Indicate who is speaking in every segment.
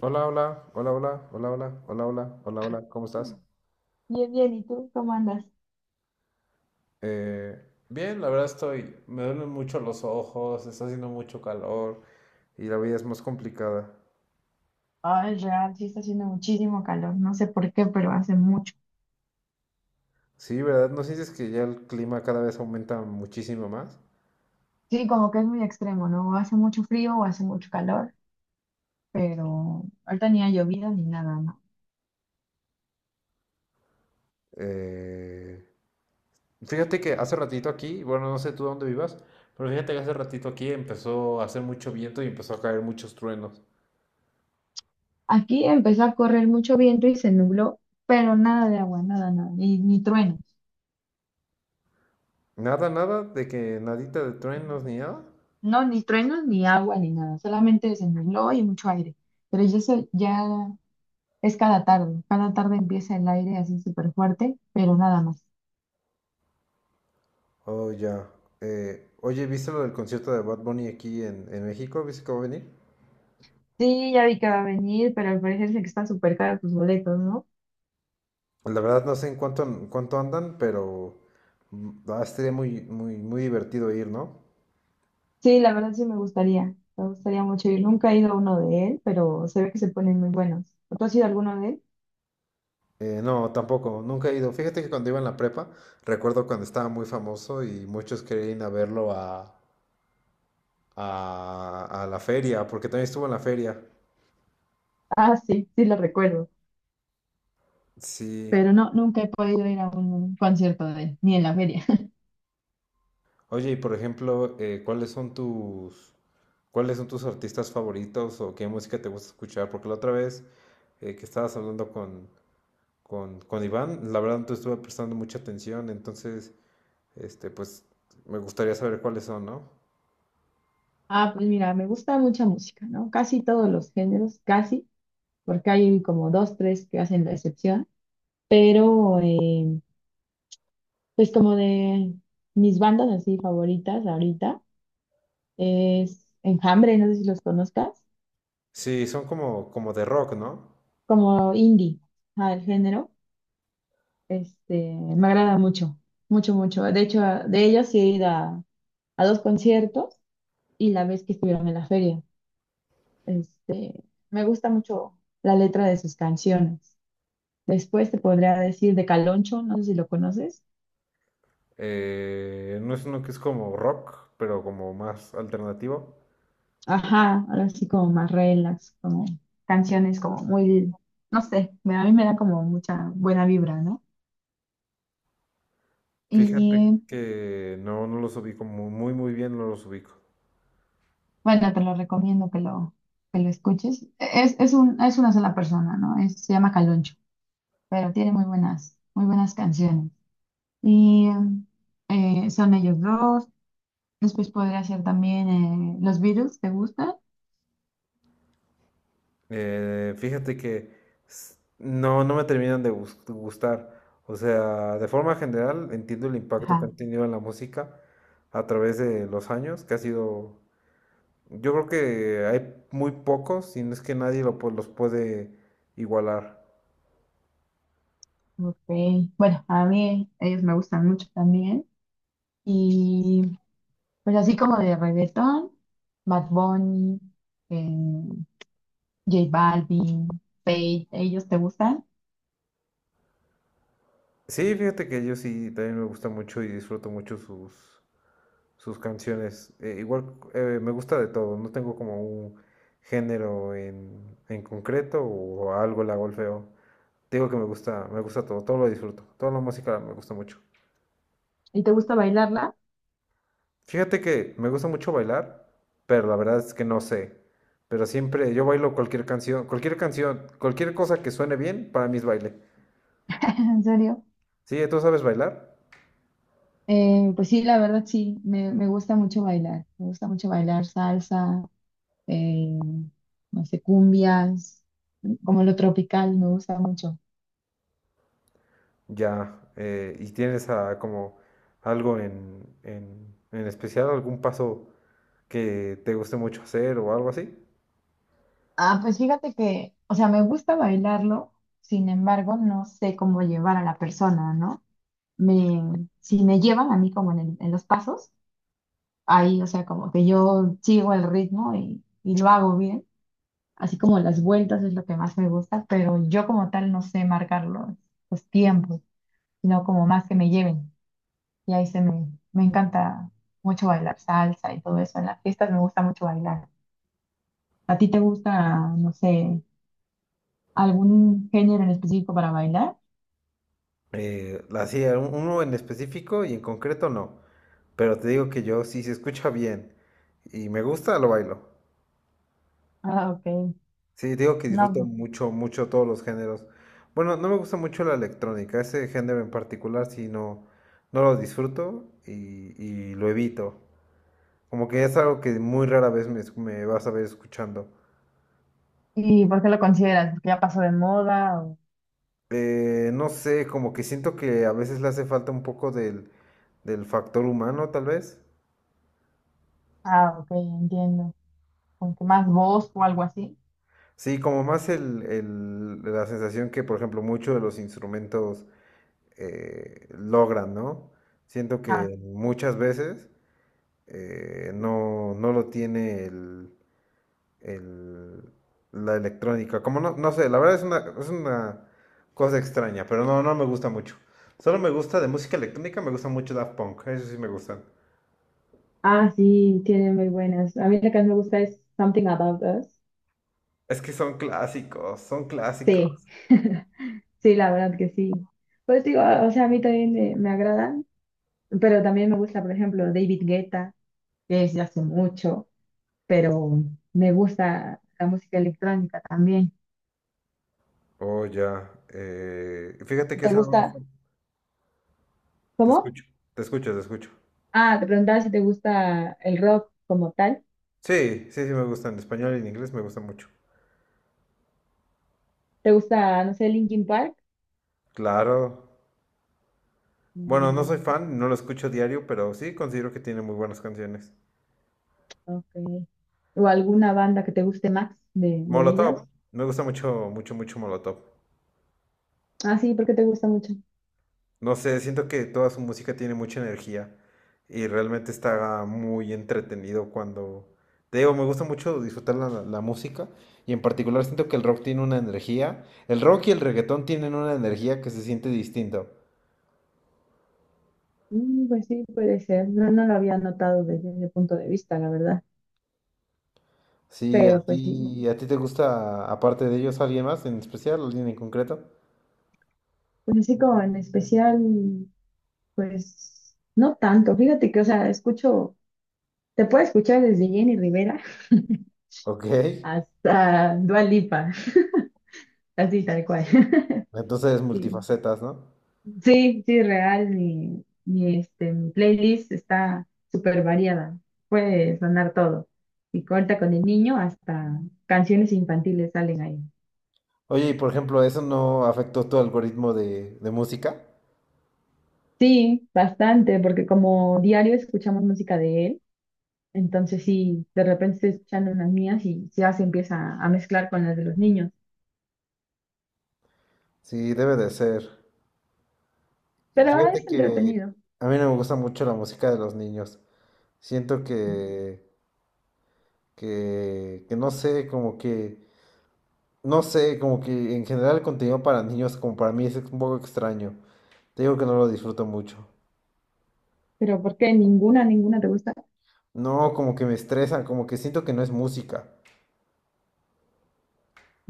Speaker 1: Hola, hola, hola, hola, hola, hola, hola, hola, hola, hola, ¿cómo estás?
Speaker 2: Bien, bien, ¿y tú cómo andas?
Speaker 1: Eh, Bien, la verdad estoy, me duelen mucho los ojos, está haciendo mucho calor y la vida es más complicada.
Speaker 2: Ay, real, sí está haciendo muchísimo calor, no sé por qué, pero hace mucho.
Speaker 1: Sí, ¿verdad? ¿No sientes que ya el clima cada vez aumenta muchísimo más?
Speaker 2: Sí, como que es muy extremo, ¿no? O hace mucho frío o hace mucho calor, pero ahorita ni ha llovido ni nada, ¿no?
Speaker 1: Eh, Fíjate que hace ratito aquí, bueno, no sé tú dónde vivas, pero fíjate que hace ratito aquí empezó a hacer mucho viento y empezó a caer muchos truenos.
Speaker 2: Aquí empezó a correr mucho viento y se nubló, pero nada de agua, nada, nada, ni truenos.
Speaker 1: Nada, nada, de que nadita de truenos ni nada.
Speaker 2: No, ni truenos, ni agua, ni nada, solamente se nubló y mucho aire. Pero ya, ya es cada tarde empieza el aire así súper fuerte, pero nada más.
Speaker 1: Oh, ya. Oye, ¿viste lo del concierto de Bad Bunny aquí en México? ¿Viste cómo va a venir?
Speaker 2: Sí, ya vi que va a venir, pero al parecer sé que están súper caros tus boletos, ¿no?
Speaker 1: La verdad no sé en cuánto andan, pero va a ser muy, muy, muy divertido ir, ¿no?
Speaker 2: Sí, la verdad sí me gustaría mucho ir. Nunca he ido a uno de él, pero se ve que se ponen muy buenos. ¿Tú has ido a alguno de él?
Speaker 1: No, tampoco, nunca he ido. Fíjate que cuando iba en la prepa, recuerdo cuando estaba muy famoso y muchos querían ir a verlo a la feria, porque también estuvo en la feria.
Speaker 2: Ah, sí, sí lo recuerdo,
Speaker 1: Sí.
Speaker 2: pero no, nunca he podido ir a un concierto de él, ni en la feria.
Speaker 1: Oye, y por ejemplo, ¿cuáles son cuáles son tus artistas favoritos o qué música te gusta escuchar? Porque la otra vez que estabas hablando con Iván, la verdad no te estuve prestando mucha atención, entonces, pues me gustaría saber cuáles son, ¿no?
Speaker 2: Ah, pues mira, me gusta mucha música, ¿no? Casi todos los géneros, casi, porque hay como dos, tres que hacen la excepción, pero eh, pues como de mis bandas así favoritas ahorita. Es Enjambre, no sé si los conozcas,
Speaker 1: Sí, son como, como de rock, ¿no?
Speaker 2: como indie, ah, el género, este, me agrada mucho, mucho, mucho. De hecho, de ellos sí he ido a dos conciertos y la vez que estuvieron en la feria, este, me gusta mucho la letra de sus canciones. Después te podría decir de Caloncho, no sé si lo conoces.
Speaker 1: No, es uno que es como rock, pero como más alternativo.
Speaker 2: Ajá, ahora sí como más relax, como canciones como muy, no sé, a mí me da como mucha buena vibra, ¿no?
Speaker 1: Fíjate
Speaker 2: Y
Speaker 1: que no, no los ubico muy, muy bien, no los ubico.
Speaker 2: bueno, te lo recomiendo que lo escuches. Es una sola persona, ¿no? Se llama Caloncho, pero tiene muy buenas canciones. Y son ellos dos. Después podría ser también los Beatles, ¿te gustan?
Speaker 1: Fíjate que no, no me terminan de gustar. O sea, de forma general entiendo el impacto que
Speaker 2: Ajá,
Speaker 1: han tenido en la música a través de los años, que ha sido, yo creo que hay muy pocos, si no es que nadie lo los puede igualar.
Speaker 2: ok. Bueno, a mí ellos me gustan mucho también. Y pues así como de reggaetón, Bad Bunny, eh, J Balvin, Feid, ¿ellos te gustan?
Speaker 1: Sí, fíjate que yo sí también me gusta mucho y disfruto mucho sus canciones. Igual me gusta de todo, no tengo como un género en concreto o algo la golfeo. Te digo que me gusta todo, todo lo disfruto. Toda la música me gusta mucho.
Speaker 2: ¿Y te gusta bailarla?
Speaker 1: Fíjate que me gusta mucho bailar, pero la verdad es que no sé. Pero siempre yo bailo cualquier canción, cualquier canción, cualquier cosa que suene bien, para mí es baile.
Speaker 2: En serio.
Speaker 1: Sí, tú sabes bailar,
Speaker 2: Pues sí, la verdad sí, me gusta mucho bailar. Me gusta mucho bailar salsa, eh, no sé, cumbias, como lo tropical, me gusta mucho.
Speaker 1: ya. Y tienes ah, como algo en especial, algún paso que te guste mucho hacer o algo así.
Speaker 2: Ah, pues fíjate que, o sea, me gusta bailarlo, sin embargo, no sé cómo llevar a la persona, ¿no? Me, si me llevan a mí como en, en los pasos. Ahí, o sea, como que yo sigo el ritmo y lo hago bien, así como las vueltas es lo que más me gusta, pero yo como tal no sé marcar los tiempos, sino como más que me lleven. Y ahí se me, me encanta mucho bailar salsa y todo eso. En las fiestas me gusta mucho bailar. ¿A ti te gusta, no sé, algún género en específico para bailar?
Speaker 1: Así, uno en específico y en concreto no. Pero te digo que yo, si se escucha bien y me gusta, lo bailo.
Speaker 2: Ah, ok.
Speaker 1: Sí, te digo que
Speaker 2: No,
Speaker 1: disfruto
Speaker 2: pues,
Speaker 1: mucho, mucho todos los géneros. Bueno, no me gusta mucho la electrónica, ese género en particular sí no, no lo disfruto y lo evito. Como que es algo que muy rara vez me vas a ver escuchando.
Speaker 2: ¿y por qué lo consideras? ¿Porque ya pasó de moda? O…
Speaker 1: No sé, como que siento que a veces le hace falta un poco del factor humano, tal vez.
Speaker 2: Ah, ok, entiendo. ¿Con que más voz o algo así?
Speaker 1: Sí, como más la sensación que, por ejemplo, muchos de los instrumentos logran, ¿no? Siento que muchas veces no, no lo tiene el- la electrónica. Como no, no sé, la verdad es una cosa extraña, pero no, no me gusta mucho. Solo me gusta de música electrónica, me gusta mucho Daft Punk, eso sí me gustan.
Speaker 2: Ah, sí, tiene muy buenas. A mí la que más me gusta es Something About Us.
Speaker 1: Es que son clásicos, son
Speaker 2: Sí,
Speaker 1: clásicos.
Speaker 2: sí, la verdad que sí. Pues digo, o sea, a mí también me agradan, pero también me gusta, por ejemplo, David Guetta, que es de hace mucho, pero me gusta la música electrónica también.
Speaker 1: Oh, ya. Fíjate que
Speaker 2: ¿Te
Speaker 1: esa no me
Speaker 2: gusta?
Speaker 1: gusta. Te
Speaker 2: ¿Cómo?
Speaker 1: escucho, te escucho, te escucho.
Speaker 2: Ah, te preguntaba si te gusta el rock como tal.
Speaker 1: Sí, sí, sí me gusta. En español y en inglés me gusta mucho.
Speaker 2: ¿Te gusta, no sé, Linkin Park?
Speaker 1: Claro. Bueno, no soy
Speaker 2: Mm,
Speaker 1: fan, no lo escucho diario, pero sí considero que tiene muy buenas canciones.
Speaker 2: ok. ¿O alguna banda que te guste más de ellos?
Speaker 1: Molotov. Me gusta mucho, mucho, mucho Molotov.
Speaker 2: Ah, sí, porque te gusta mucho.
Speaker 1: No sé, siento que toda su música tiene mucha energía y realmente está muy entretenido cuando... Te digo, me gusta mucho disfrutar la música y en particular siento que el rock tiene una energía. El rock y el reggaetón tienen una energía que se siente distinto.
Speaker 2: Mm, pues sí, puede ser. No, no lo había notado desde ese punto de vista, la verdad.
Speaker 1: Sí,
Speaker 2: Pero pues sí,
Speaker 1: a ti te gusta, aparte de ellos, alguien más en especial, alguien en concreto.
Speaker 2: pues así como en especial, pues no tanto. Fíjate que, o sea, escucho, te puedo escuchar desde Jenny Rivera
Speaker 1: Ok,
Speaker 2: hasta Dua Lipa, así tal cual.
Speaker 1: entonces
Speaker 2: Sí,
Speaker 1: multifacetas, ¿no?
Speaker 2: sí, sí, real. Mi, este, mi playlist está súper variada. Puede sonar todo. Y corta con el niño hasta canciones infantiles salen ahí.
Speaker 1: Oye, y por ejemplo, ¿eso no afectó tu algoritmo de música?
Speaker 2: Sí, bastante, porque como diario escuchamos música de él, entonces sí, de repente estoy escuchando unas mías y ya se empieza a mezclar con las de los niños.
Speaker 1: Sí, debe de ser. Y
Speaker 2: Pero es
Speaker 1: fíjate que
Speaker 2: entretenido.
Speaker 1: a mí no me gusta mucho la música de los niños. Siento que no sé, como que, no sé, como que en general el contenido para niños, como para mí es un poco extraño. Te digo que no lo disfruto mucho.
Speaker 2: ¿Pero por qué? ¿Ninguna, ninguna te gusta?
Speaker 1: No, como que me estresan, como que siento que no es música.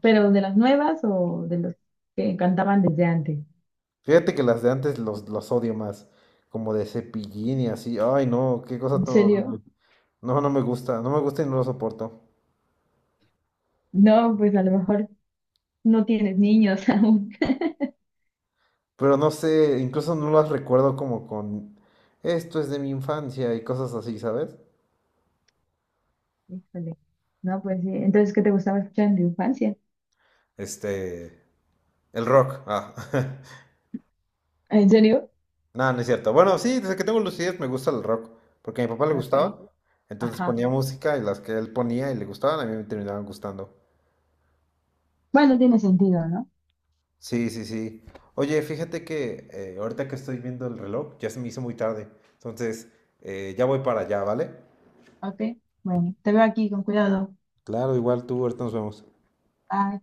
Speaker 2: ¿Pero de las nuevas o de los que cantaban desde antes?
Speaker 1: Fíjate que las de antes los odio más, como de Cepillín y así. Ay, no, qué cosa
Speaker 2: ¿En
Speaker 1: tan horrible.
Speaker 2: serio?
Speaker 1: No, no me gusta, no me gusta y no lo soporto.
Speaker 2: No, pues a lo mejor no tienes niños aún.
Speaker 1: Pero no sé, incluso no las recuerdo como con esto es de mi infancia y cosas así, ¿sabes?
Speaker 2: Híjole. No, pues sí. Entonces, ¿qué te gustaba escuchar en tu infancia?
Speaker 1: Este, el rock. Ah.
Speaker 2: ¿En serio?
Speaker 1: No, no es cierto. Bueno, sí, desde que tengo lucidez me gusta el rock, porque a mi papá le gustaba.
Speaker 2: Ok.
Speaker 1: Entonces
Speaker 2: Ajá.
Speaker 1: ponía música y las que él ponía y le gustaban, a mí me terminaban gustando.
Speaker 2: Bueno, tiene sentido, ¿no?
Speaker 1: Sí, sí, sí. Oye, fíjate que ahorita que estoy viendo el reloj, ya se me hizo muy tarde. Entonces, ya voy para allá, ¿vale?
Speaker 2: Ok, bueno, te veo aquí, con cuidado.
Speaker 1: Claro, igual tú, ahorita nos vemos.
Speaker 2: Bye.